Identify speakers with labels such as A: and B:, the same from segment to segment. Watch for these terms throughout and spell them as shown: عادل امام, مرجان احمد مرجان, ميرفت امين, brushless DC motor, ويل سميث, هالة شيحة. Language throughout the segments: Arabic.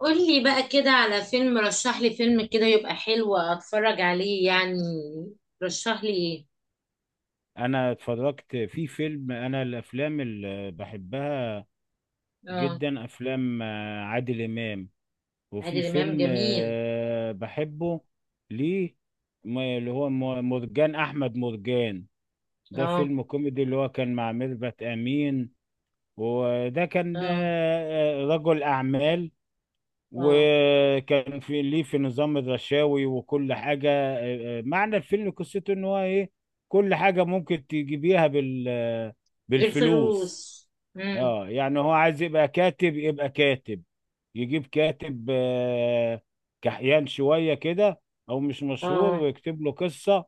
A: قولي بقى كده على فيلم، رشح لي فيلم كده يبقى حلو اتفرج عليه يعني. رشح لي ايه.
B: انا اتفرجت في فيلم، انا الافلام اللي بحبها
A: اه.
B: جدا افلام عادل امام. وفي
A: عادل امام
B: فيلم
A: جميل.
B: بحبه ليه، اللي هو مرجان احمد مرجان. ده
A: اه.
B: فيلم كوميدي اللي هو كان مع ميرفت امين. وده كان
A: اه.
B: رجل اعمال،
A: اه.
B: وكان في ليه في نظام الرشاوي وكل حاجة. معنى الفيلم قصته ان هو ايه؟ كل حاجة ممكن تجيبيها بالفلوس.
A: الفلوس. امم.
B: اه، يعني هو عايز يبقى كاتب، يبقى كاتب، يجيب كاتب كحيان شوية كده، او مش مشهور،
A: اه.
B: ويكتب له قصة،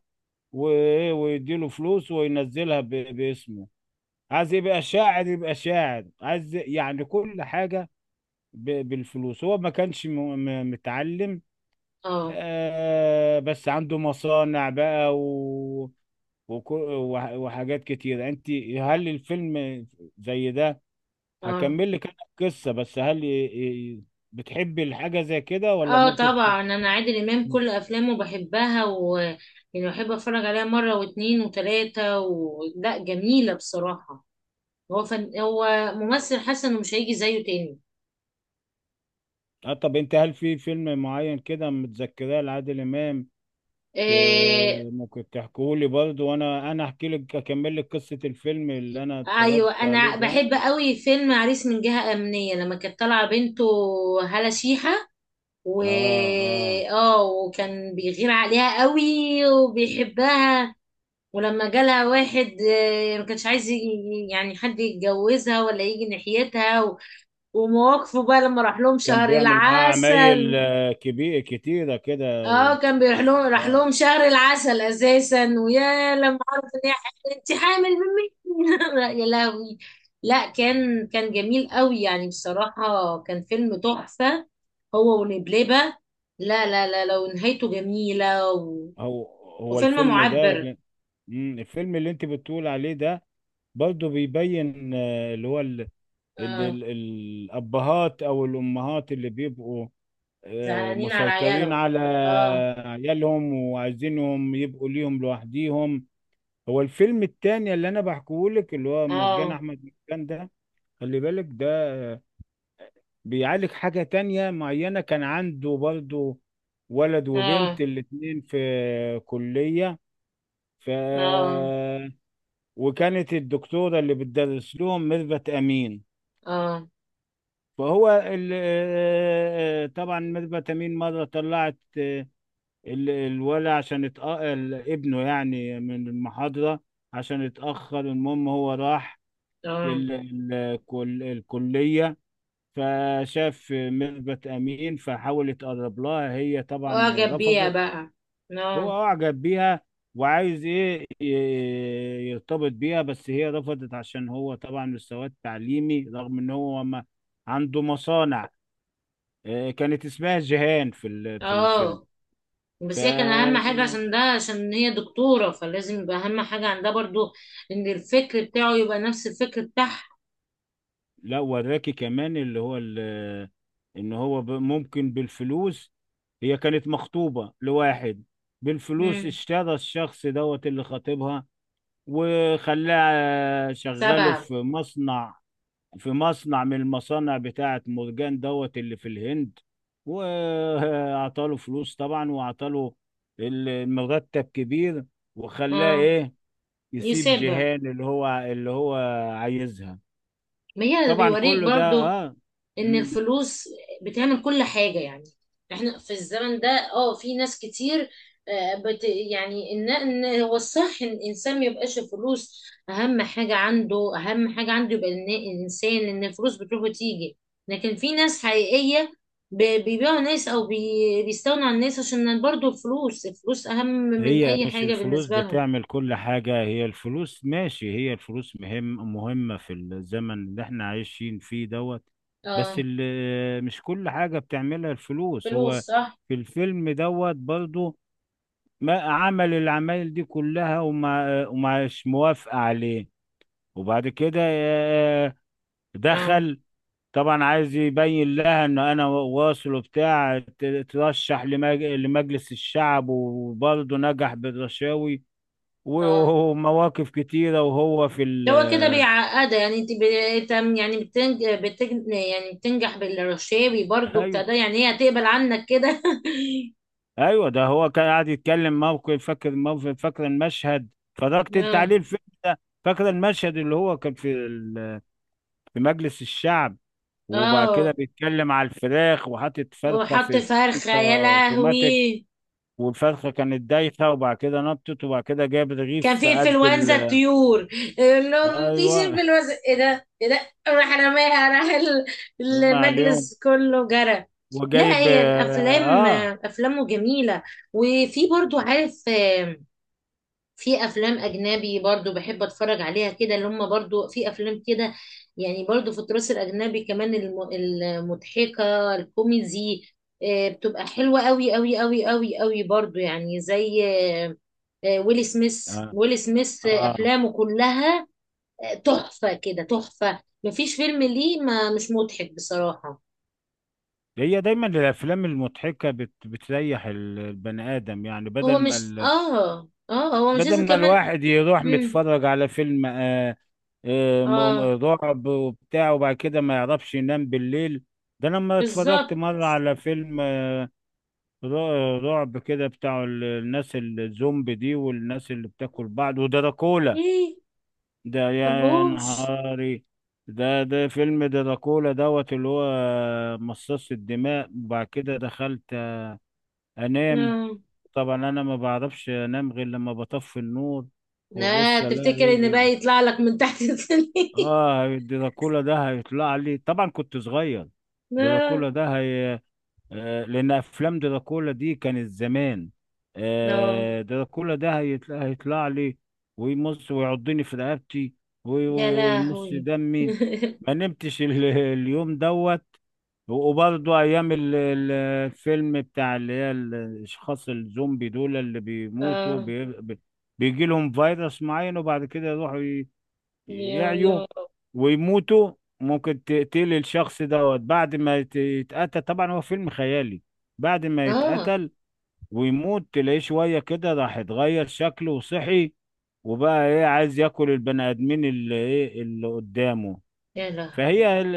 B: ويديله فلوس وينزلها باسمه. عايز يبقى شاعر يبقى شاعر، عايز يعني كل حاجة بالفلوس. هو ما كانش متعلم،
A: اه.
B: بس عنده مصانع بقى و... وحاجات كتيرة. انت، هل الفيلم زي ده؟
A: اه.
B: هكمل لك انا القصة، بس هل ي- بتحبي الحاجة زي كده ولا
A: اه،
B: ممكن ت...؟
A: طبعا انا عادل امام كل افلامه بحبها و يعني بحب اتفرج عليها مره واتنين وتلاته لا، جميله بصراحه. هو ممثل حسن ومش هيجي زيه تاني.
B: اه طب، انت هل في فيلم معين كده متذكراه لعادل امام؟ ت...
A: آه،
B: ممكن تحكولي برضه، وانا احكي لك، اكمل لك قصة الفيلم اللي انا اتفرجت
A: ايوه
B: عليه
A: انا
B: ده.
A: بحب قوي فيلم عريس من جهة امنية لما كانت طالعة بنته هالة شيحة و
B: اه. آه.
A: اه، وكان بيغير عليها قوي وبيحبها. ولما جالها واحد، ما كانش عايز يعني حد يتجوزها ولا يجي ناحيتها ومواقفه بقى لما راح لهم
B: كان
A: شهر
B: بيعمل معاه عمايل
A: العسل.
B: كبير كتيرة كده.
A: اه، كان بيروح لهم، راح
B: اه.
A: لهم شهر العسل اساسا، ويا لما عرف ان هي حامل: انت حامل مني؟ يا لهوي. لا كان، كان جميل قوي يعني، بصراحة كان فيلم تحفة، هو ونبلبة. لا لا لا لا، ونهايته جميلة
B: هو هو
A: وفيلم
B: الفيلم ده
A: معبر.
B: ولا- الفيلم اللي انت بتقول عليه ده برضه بيبين اللي هو ال... ان
A: اه.
B: ال... الابهات او الامهات اللي بيبقوا
A: زعلانين على
B: مسيطرين
A: عياله.
B: على
A: اه.
B: عيالهم وعايزينهم يبقوا ليهم لوحديهم. هو الفيلم التاني اللي انا بحكيه لك، اللي هو مرجان
A: اه.
B: احمد مرجان ده، خلي بالك، بيعالج حاجة تانية معينة. كان عنده برضو ولد
A: اه.
B: وبنت، الاتنين في كلية. ف،
A: اه.
B: وكانت الدكتورة اللي بتدرس لهم ميرفت أمين.
A: اه.
B: فهو ال... طبعا ميرفت أمين مرة طلعت الولا عشان اتأقل ابنه يعني من المحاضرة، عشان اتأخر. المهم هو راح
A: اه.
B: ال... ال... الكلية، فشاف ميرفت أمين فحاول يتقرب لها. هي طبعا
A: اعجب بيها
B: رفضت.
A: بقى.
B: هو
A: اه.
B: أعجب بيها وعايز إيه يرتبط بيها، بس هي رفضت عشان هو طبعا مستواه التعليمي، رغم إن هو ما عنده مصانع. كانت اسمها جيهان في في الفيلم.
A: اه.
B: ف،
A: بس هي كان اهم حاجه، عشان ده عشان هي دكتوره فلازم يبقى اهم حاجه عندها برضو ان الفكر بتاعه يبقى نفس الفكر بتاعها.
B: لا وراكي كمان اللي هو إن هو ممكن بالفلوس. هي كانت مخطوبة لواحد، بالفلوس
A: امم.
B: اشترى الشخص دوت اللي خاطبها، وخلاه شغله
A: سبعه.
B: في مصنع، في مصنع من المصانع بتاعة مرجان دوت اللي في الهند. وأعطاله فلوس طبعا، وأعطاله المرتب كبير، وخلاه
A: اه.
B: إيه؟ يسيب
A: يسيبها.
B: جيهان اللي هو عايزها.
A: ما هي
B: طبعا
A: بيوريك
B: كله ده
A: برضو
B: اه.
A: ان
B: مم.
A: الفلوس بتعمل كل حاجة يعني. احنا في الزمن ده. اه، في ناس كتير، آه، بت يعني ان، إن هو الصح ان الانسان ما يبقاش الفلوس اهم حاجة عنده. اهم حاجة عنده يبقى الانسان ان الفلوس بتروح وتيجي، لكن في ناس حقيقية بيبيعوا ناس، او بيستغنوا عن الناس عشان برضو الفلوس، الفلوس اهم من
B: هي
A: اي
B: مش
A: حاجة
B: الفلوس
A: بالنسبة لهم.
B: بتعمل كل حاجة، هي الفلوس ماشي، هي الفلوس مهمة في الزمن اللي احنا عايشين فيه دوت. بس
A: اه.
B: مش كل حاجة بتعملها الفلوس، هو
A: فلوس صح.
B: في الفيلم دوت برضو ما عمل العمايل دي كلها، وما ومش موافقة عليه. وبعد كده
A: اه.
B: دخل طبعا عايز يبين لها ان انا واصل وبتاع، ترشح لمجلس الشعب وبرضه نجح بالرشاوي
A: اه.
B: ومواقف كتيرة، وهو في ال.
A: هو كده بيعقدها يعني. انت يعني يعني بتنجح بالرشاوي برضو بتاع
B: ايوه،
A: ده، يعني هي هتقبل عنك كده؟
B: ايوه، ده هو كان قاعد يتكلم موقف، فاكر موقف، فاكر المشهد؟ اتفرجت انت
A: اه.
B: عليه الفيلم ده؟ فاكر المشهد اللي هو كان في في مجلس الشعب، وبعد كده
A: اه،
B: بيتكلم على الفراخ وحاطط فرخة
A: وحط
B: في
A: فرخة،
B: انت
A: يا
B: اوتوماتيك.
A: لهوي.
B: والفرخة كانت دايخة، وبعد كده نطت، وبعد كده جاب
A: كان
B: رغيف
A: في
B: قد
A: انفلونزا
B: ال
A: الطيور. اللي هو مفيش
B: ايوه،
A: انفلونزا. ايه ده، ايه ده، راح رماها، راح
B: ما عليهم،
A: المجلس كله جرى. لا،
B: وجايب
A: هي الافلام،
B: اه.
A: افلامه جميلة. وفي برضو عارف، في افلام اجنبي برضو بحب اتفرج عليها كده، اللي هم برضو في افلام كده. يعني برضو في التراث الاجنبي كمان المضحكه الكوميدي، بتبقى حلوه قوي قوي قوي قوي قوي برضو، يعني زي ويل سميث.
B: اه.
A: ويل سميث
B: آه.
A: افلامه كلها تحفه كده، تحفه، مفيش فيلم ليه ما مش مضحك بصراحه.
B: هي دايما الافلام المضحكه بتريح البني ادم، يعني بدل ما ال...
A: هو مش
B: بدل
A: لازم
B: ما
A: كمان.
B: الواحد يروح
A: مم.
B: متفرج على فيلم
A: اه.
B: رعب وبتاع، وبعد كده ما يعرفش ينام بالليل. ده لما اتفرجت
A: بالظبط.
B: مره على فيلم رعب كده بتاع الناس الزومبي دي، والناس اللي بتاكل بعض ودراكولا.
A: ايه.
B: ده يا
A: مبحبوش.
B: نهاري! ده فيلم دراكولا دوت اللي هو مصاص الدماء. وبعد كده دخلت انام. طبعا انا ما بعرفش انام غير لما بطفي النور،
A: لا،
B: وابص الاقي
A: تفتكر
B: ايه
A: ان بقى يطلع لك من تحت السلم؟
B: اه، الدراكولا ده هيطلع لي. طبعا كنت صغير.
A: لا.
B: الدراكولا ده هي... لان افلام دراكولا دي كانت زمان.
A: لا.
B: دراكولا ده هيطلع لي، ويمص ويعضني في رقبتي،
A: يا
B: ويمص
A: لهوي.
B: دمي. ما نمتش اليوم دوت. وبرضه ايام الفيلم بتاع، اللي هي الاشخاص الزومبي دول اللي بيموتوا
A: اه.
B: بيجي لهم فيروس معين، وبعد كده يروحوا
A: يا،
B: يعيوا
A: يا رب.
B: ويموتوا. ممكن تقتل الشخص دوت بعد ما يتقتل، طبعا هو فيلم خيالي. بعد ما
A: اه.
B: يتقتل ويموت، تلاقيه شوية كده راح اتغير شكله وصحي، وبقى ايه عايز ياكل البني ادمين اللي ايه اللي قدامه.
A: يا لهوي.
B: فهي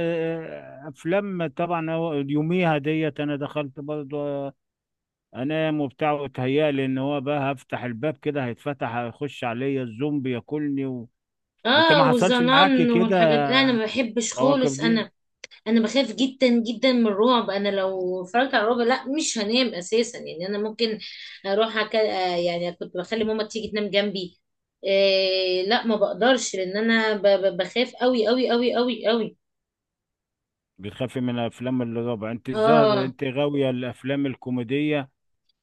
B: افلام، طبعا هو يوميها ديت انا دخلت برضه انام وبتاع، وتهيألي ان هو بقى هفتح الباب كده هيتفتح، هيخش عليا الزومبي ياكلني و... انت ما
A: اه،
B: حصلش معاكي
A: والظنان
B: كده
A: والحاجات انا ما بحبش
B: المواقف
A: خالص
B: دي؟
A: انا. انا بخاف جدا جدا من الرعب. انا لو اتفرجت على الرعب، لا مش هنام اساسا، يعني انا ممكن اروح أك... آه، يعني كنت بخلي ماما تيجي تنام جنبي. إيه، لا ما بقدرش لان انا بخاف قوي قوي قوي قوي قوي.
B: بتخافي من افلام الرعب انت؟ الظاهر
A: اه.
B: انت غاويه الافلام الكوميديه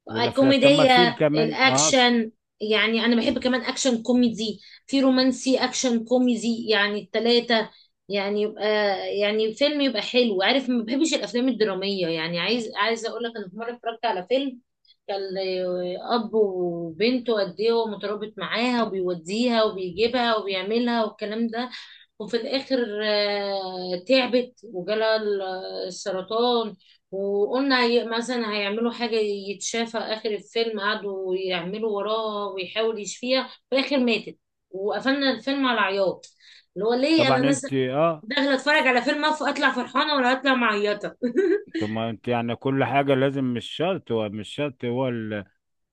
B: والافلام. طب ما في
A: الكوميدية
B: كمان اه
A: الأكشن. يعني أنا بحب كمان أكشن كوميدي، في رومانسي أكشن كوميدي، يعني التلاتة. يعني يبقى يعني فيلم يبقى حلو عارف. ما بحبش الأفلام الدرامية يعني. عايز، عايزة أقول لك، أنا في مرة اتفرجت على فيلم كان أب وبنته قد إيه هو مترابط معاها وبيوديها وبيجيبها وبيعملها والكلام ده. وفي الآخر تعبت وجالها السرطان. وقلنا مثلا هيعملوا حاجة يتشافى. آخر الفيلم قعدوا يعملوا وراها ويحاول يشفيها، في الآخر ماتت. وقفلنا الفيلم على عياط. اللي هو ليه
B: طبعا.
A: أنا نازلة
B: انت اه.
A: داخلة أتفرج على فيلم أطلع فرحانة ولا أطلع معيطة؟
B: طب ما انت يعني كل حاجه لازم، مش شرط هو، مش شرط هو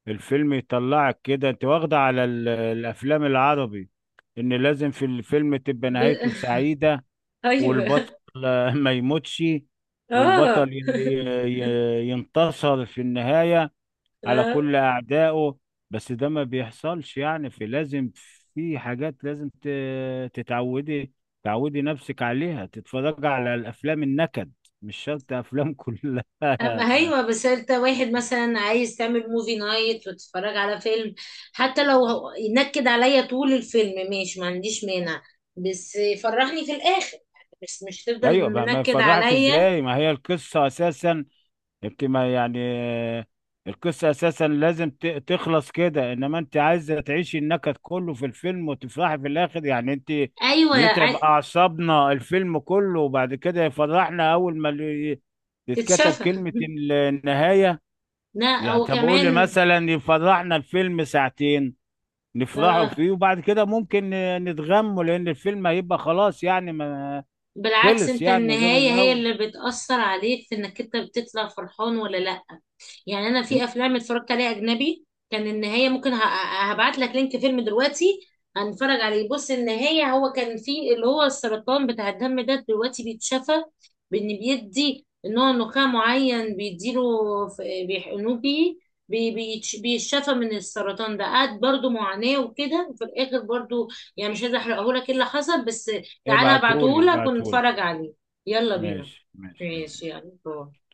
B: الفيلم يطلعك كده. انت واخده على الافلام العربي ان لازم في الفيلم تبقى
A: ب...
B: نهايته سعيده،
A: أيوه.
B: والبطل ما يموتش،
A: آه.
B: والبطل ينتصر في النهايه على
A: آه.
B: كل أعدائه. بس ده ما بيحصلش، يعني في لازم، في حاجات لازم تتعودي، تعودي نفسك عليها، تتفرج على الأفلام النكد، مش شرط أفلام كلها
A: أما أيوة، بس أنت واحد مثلا عايز تعمل موفي نايت وتتفرج على فيلم، حتى لو ينكد عليا طول الفيلم ماشي، ما عنديش مانع، بس فرحني في الآخر، بس مش
B: أيوة
A: تفضل
B: بقى، ما
A: منكد
B: يفرحك
A: عليا.
B: إزاي ما هي القصة أساسا، يمكن ما يعني القصة أساسا لازم تخلص كده. إنما أنت عايزة تعيشي النكد كله في الفيلم وتفرحي في الآخر، يعني أنت
A: أيوة
B: يتعب أعصابنا الفيلم كله وبعد كده يفرحنا أول ما تتكتب
A: تتشافى.
B: كلمة النهاية؟
A: لا
B: يعني
A: هو
B: طب قولي،
A: كمان.
B: مثلا يفرحنا الفيلم ساعتين نفرحوا
A: آه.
B: فيه، وبعد كده ممكن نتغموا لأن الفيلم هيبقى خلاص يعني. ما
A: بالعكس،
B: خلص
A: أنت
B: يعني غير
A: النهاية هي
B: الأول.
A: اللي بتأثر عليك في إنك أنت بتطلع فرحان ولا لأ. يعني انا في افلام اتفرجت عليها اجنبي كان النهايه ممكن. هبعت لك لينك فيلم دلوقتي، هنتفرج عليه. بص النهايه هو كان، في اللي هو السرطان بتاع الدم ده دلوقتي بيتشفى، بان بيدي نوع نخاع معين بيديله، بيحقنوه بيه، بيتشفى من السرطان ده. قعد برضو معاناة وكده، وفي الآخر برضو يعني مش عايزة أحرقهولك إيه اللي حصل. بس تعالى
B: ابعتهولي،
A: هبعتهولك
B: ابعتهولي.
A: ونتفرج عليه. يلا بينا.
B: ماشي ماشي يلا.
A: ماشي يلا، باي.